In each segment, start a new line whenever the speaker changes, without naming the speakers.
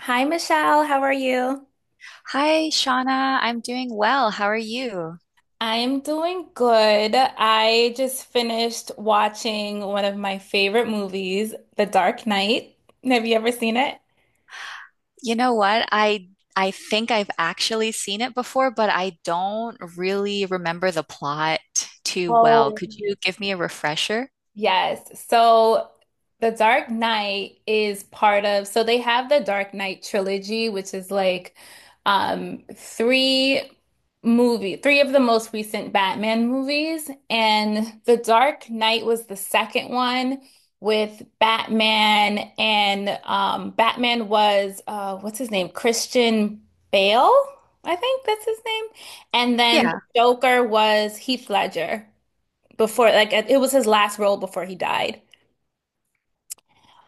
Hi, Michelle. How are you?
Hi, Shauna. I'm doing well. How are you?
I'm doing good. I just finished watching one of my favorite movies, The Dark Knight. Have you ever seen it?
You know what? I think I've actually seen it before, but I don't really remember the plot too well.
Oh.
Could you give me a refresher?
Yes. So the Dark Knight is part of, so they have the Dark Knight trilogy, which is like um three three of the most recent Batman movies. And The Dark Knight was the second one with Batman. And Batman was what's his name? Christian Bale, I think that's his name. And then
Yeah.
Joker was Heath Ledger before, like, it was his last role before he died.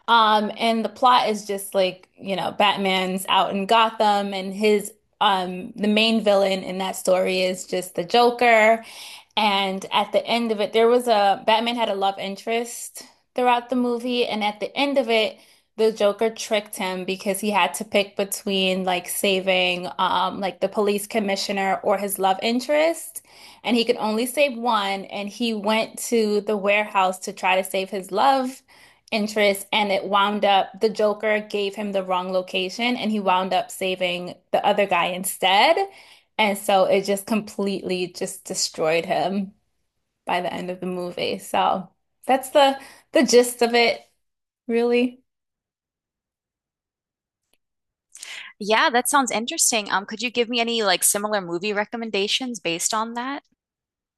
And the plot is just, like, you know, Batman's out in Gotham and his the main villain in that story is just the Joker. And at the end of it, there was a Batman. Had a love interest throughout the movie. And at the end of it, the Joker tricked him because he had to pick between, like, saving like the police commissioner or his love interest. And he could only save one. And he went to the warehouse to try to save his love interest. And it wound up the Joker gave him the wrong location and he wound up saving the other guy instead. And so it just completely just destroyed him by the end of the movie. So that's the gist of it, really.
Yeah, that sounds interesting. Could you give me any like similar movie recommendations based on that?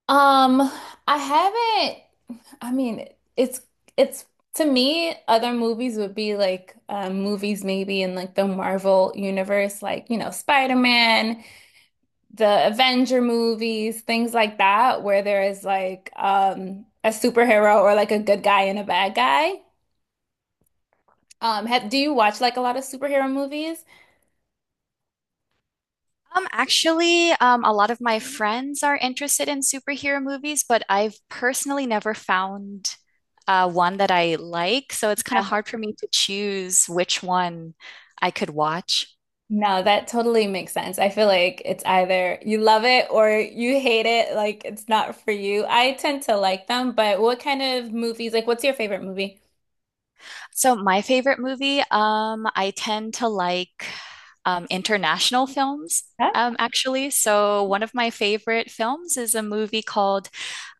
Um, I haven't, I mean, it's it's to me, other movies would be like movies maybe in like the Marvel universe, like, you know, Spider-Man, the Avenger movies, things like that, where there is like a superhero or like a good guy and a bad guy. Do you watch like a lot of superhero movies?
Actually, a lot of my friends are interested in superhero movies, but I've personally never found one that I like. So it's kind of
Yeah.
hard for me to choose which one I could watch.
No, that totally makes sense. I feel like it's either you love it or you hate it, like it's not for you. I tend to like them, but what kind of movies, like what's your favorite movie?
So my favorite movie, I tend to like international films,
Huh?
actually. So one of my favorite films is a movie called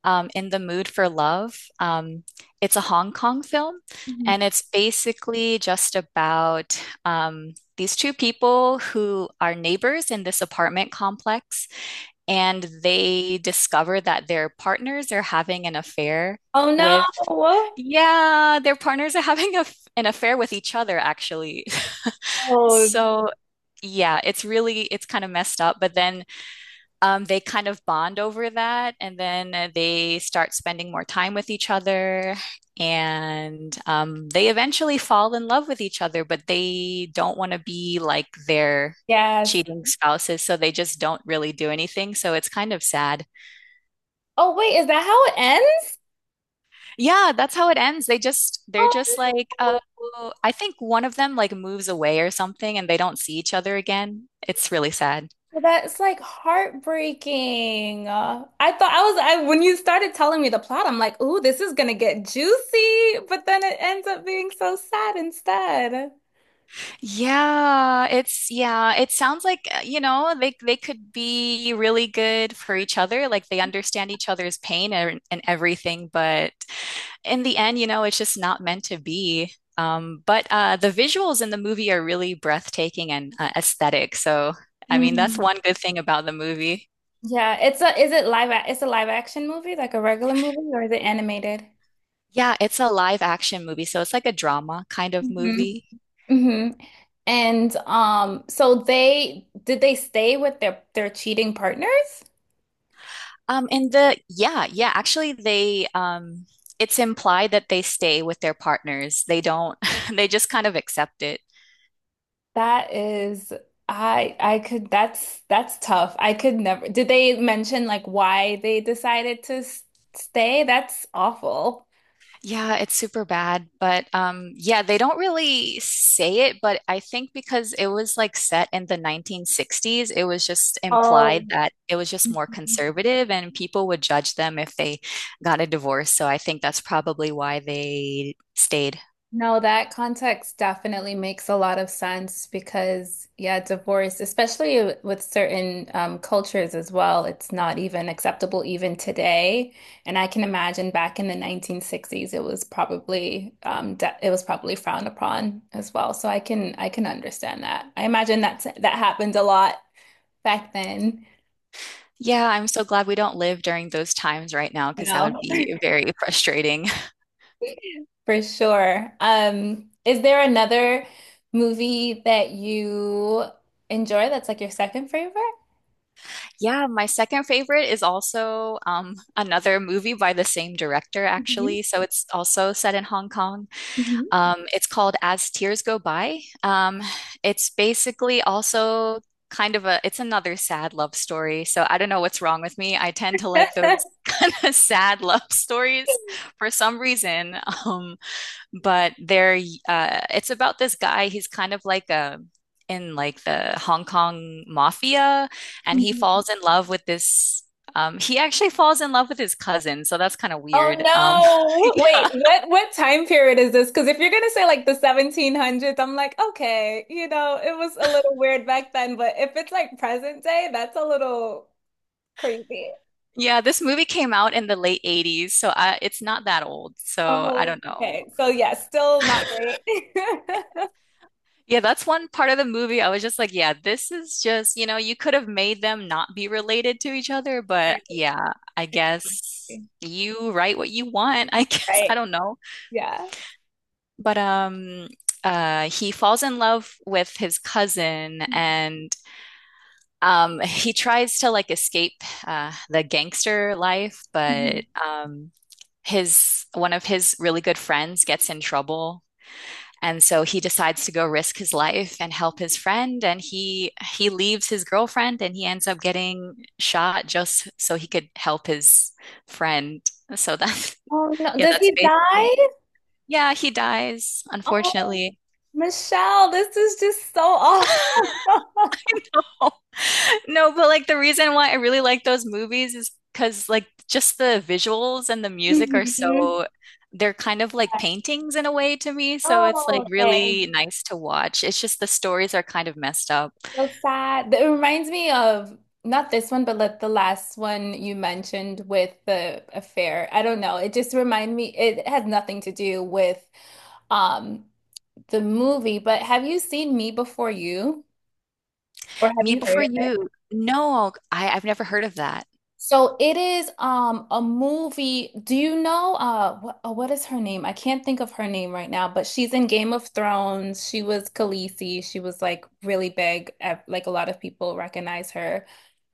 In the Mood for Love. It's a Hong Kong film,
Mhm.
and it's basically just about these two people who are neighbors in this apartment complex, and they discover that their partners are having an affair
Oh no.
with, yeah, their partners are having an affair with each other, actually.
Oh.
So, yeah, it's really, it's kind of messed up, but then they kind of bond over that and then they start spending more time with each other and they eventually fall in love with each other, but they don't want to be like their
Yes.
cheating spouses, so they just don't really do anything. So it's kind of sad.
Oh wait, is that how it ends?
Yeah, that's how it ends. They're just
Oh.
like I think one of them like moves away or something and they don't see each other again. It's really sad.
That's like heartbreaking. I thought I was I when you started telling me the plot, I'm like, "Ooh, this is gonna get juicy," but then it ends up being so sad instead.
Yeah, it's yeah, it sounds like you know, they could be really good for each other. Like they understand each other's pain and everything, but in the end, you know, it's just not meant to be. But the visuals in the movie are really breathtaking and aesthetic. So, I mean, that's
Mm.
one good thing about the movie.
Yeah, it's a is it it's a live action movie, like a regular movie, or is it animated?
Yeah, it's a live action movie, so it's like a drama kind of
Mhm.
movie.
Hmm. And so they stay with their cheating partners?
In the yeah, yeah, actually they it's implied that they stay with their partners. They don't they just kind of accept it.
That is, I could. That's tough. I could never. Did they mention like why they decided to stay? That's awful.
Yeah, it's super bad, but yeah, they don't really say it, but I think because it was like set in the 1960s, it was just
Oh.
implied that it was just more conservative and people would judge them if they got a divorce. So I think that's probably why they stayed.
No, that context definitely makes a lot of sense because, yeah, divorce, especially with certain cultures as well, it's not even acceptable even today. And I can imagine back in the 1960s, it was probably de it was probably frowned upon as well. So I can understand that. I imagine that's that happened a lot back then.
Yeah, I'm so glad we don't live during those times right now
You
because that would
know?
be very frustrating.
For sure. Is there another movie that you enjoy that's like your second favorite?
Yeah, my second favorite is also another movie by the same director,
Mhm,
actually. So it's also set in Hong Kong.
mhm.
It's called As Tears Go By. It's basically also kind of it's another sad love story. So I don't know what's wrong with me. I tend to like those kind of sad love stories for some reason. Um, but they're It's about this guy. He's kind of like a in like the Hong Kong mafia, and he
Mhm.
falls in love with this. He actually falls in love with his cousin, so that's kind of
Oh
weird.
no.
Yeah,
Wait, what time period is this? Because if you're gonna say like the 1700s, I'm like, okay, you know, it was a little weird back then, but if it's like present day, that's a little crazy.
Yeah. This movie came out in the late '80s, so I, it's not that old. So I
Oh,
don't know.
okay. So yeah, still not great.
Yeah, that's one part of the movie. I was just like, yeah, this is just, you know, you could have made them not be related to each other, but
Right.
yeah, I guess you write what you want. I guess I
Right.
don't know.
Yeah.
But he falls in love with his cousin and he tries to like escape the gangster life, but his one of his really good friends gets in trouble and so he decides to go risk his life and help his friend and he leaves his girlfriend and he ends up getting shot just so he could help his friend so that's
Oh no,
yeah
does
that's
he
basically
die?
yeah he dies
Oh,
unfortunately
Michelle, this is just so awful.
no but like the reason why I really like those movies is because like just the visuals and the music are
Mhm.
so they're kind of like paintings in a way to me so it's like
Oh, okay.
really nice to watch it's just the stories are kind of messed up.
So sad. It reminds me of not this one, but like the last one you mentioned with the affair. I don't know. It just reminded me, it has nothing to do with um the movie, but have you seen Me Before You? Or have
Me
you heard
Before
of it?
You. No, I've never heard of that.
So it is a movie. Do you know what is her name? I can't think of her name right now, but she's in Game of Thrones. She was Khaleesi. She was like really big. Like a lot of people recognize her.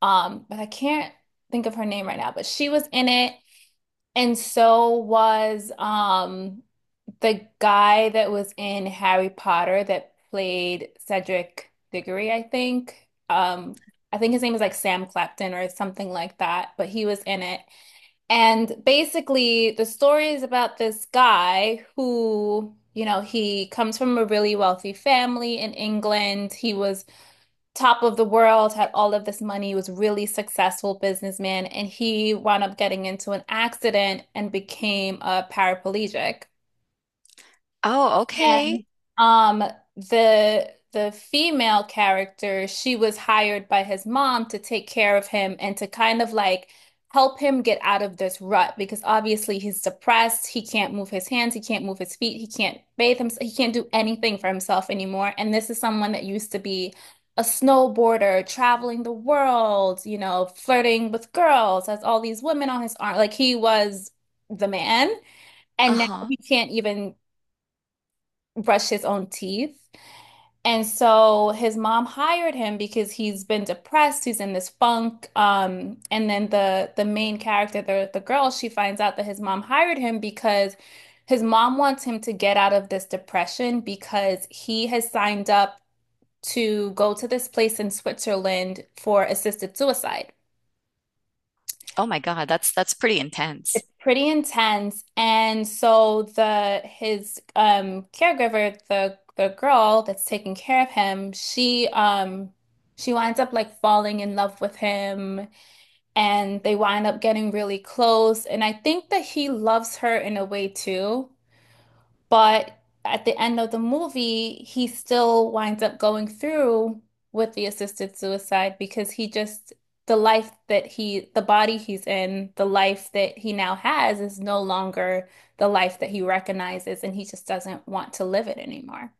But I can't think of her name right now, but she was in it. And so was the guy that was in Harry Potter that played Cedric Diggory, I think. I think his name is like Sam Clapton or something like that, but he was in it. And basically, the story is about this guy who, you know, he comes from a really wealthy family in England. He was top of the world, had all of this money, was really successful businessman, and he wound up getting into an accident and became a paraplegic.
Oh, okay.
Um, the female character, she was hired by his mom to take care of him and to kind of like help him get out of this rut because obviously he's depressed, he can't move his hands, he can't move his feet, he can't bathe himself, he can't do anything for himself anymore. And this is someone that used to be a snowboarder, traveling the world, you know, flirting with girls, has all these women on his arm. Like, he was the man, and now
Uh-huh.
he can't even brush his own teeth. And so his mom hired him because he's been depressed, he's in this funk. And then the main character, the girl, she finds out that his mom hired him because his mom wants him to get out of this depression because he has signed up to go to this place in Switzerland for assisted suicide.
Oh my God, that's pretty intense.
It's pretty intense. And so the his caregiver, the girl that's taking care of him, she winds up like falling in love with him and they wind up getting really close. And I think that he loves her in a way too. But at the end of the movie, he still winds up going through with the assisted suicide because he just, the body he's in, the life that he now has is no longer the life that he recognizes and he just doesn't want to live it anymore.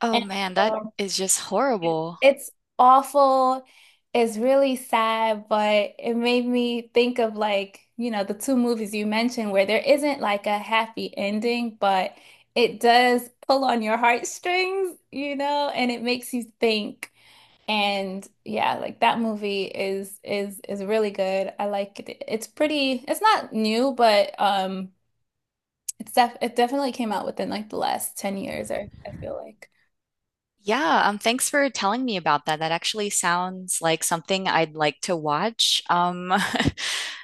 Oh
And
man, that
so
is just horrible.
it's awful. It's really sad, but it made me think of, like, you know, the two movies you mentioned where there isn't like a happy ending, but it does pull on your heartstrings, you know, and it makes you think. And yeah, like that movie is really good. I like it. It's pretty, it's not new, but it's def it definitely came out within like the last 10 years, I feel like.
Yeah, thanks for telling me about that. That actually sounds like something I'd like to watch.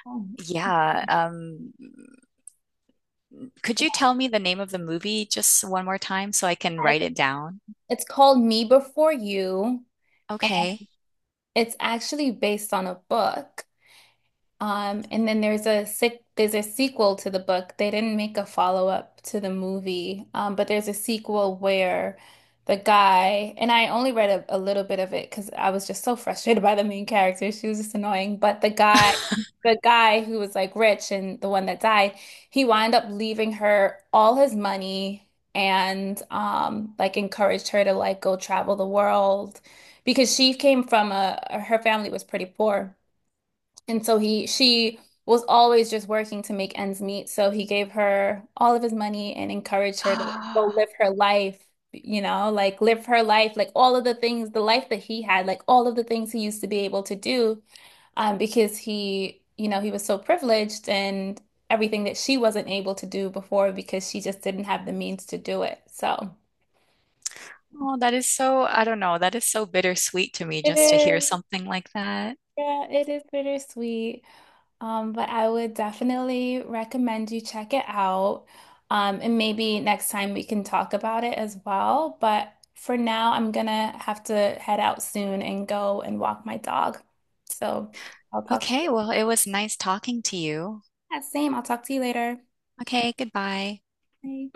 yeah, Could you tell me the name of the movie just one more time so I can
Oh,
write it down?
it's called Me Before You.
Okay.
It's actually based on a book. And then there's a sick there's a sequel to the book. They didn't make a follow-up to the movie, but there's a sequel where the guy. And I only read a little bit of it because I was just so frustrated by the main character. She was just annoying. But the guy who was like rich and the one that died, he wound up leaving her all his money and like encouraged her to like go travel the world because she came from a her family was pretty poor. And so he she was always just working to make ends meet. So he gave her all of his money and encouraged her to like, go live
Ah,
her life, you know, like live her life, like all of the things, the life that he had, like all of the things he used to be able to do, because he, you know, he was so privileged and everything that she wasn't able to do before because she just didn't have the means to do it. So
oh, that is so, I don't know, that is so bittersweet to me
it
just to hear
is,
something like that.
yeah, it is bittersweet. But I would definitely recommend you check it out. And maybe next time we can talk about it as well. But for now, I'm gonna have to head out soon and go and walk my dog. So I'll talk to
Okay,
you.
well, it was nice talking to you.
Yeah, same. I'll talk to you later.
Okay, goodbye.
Bye.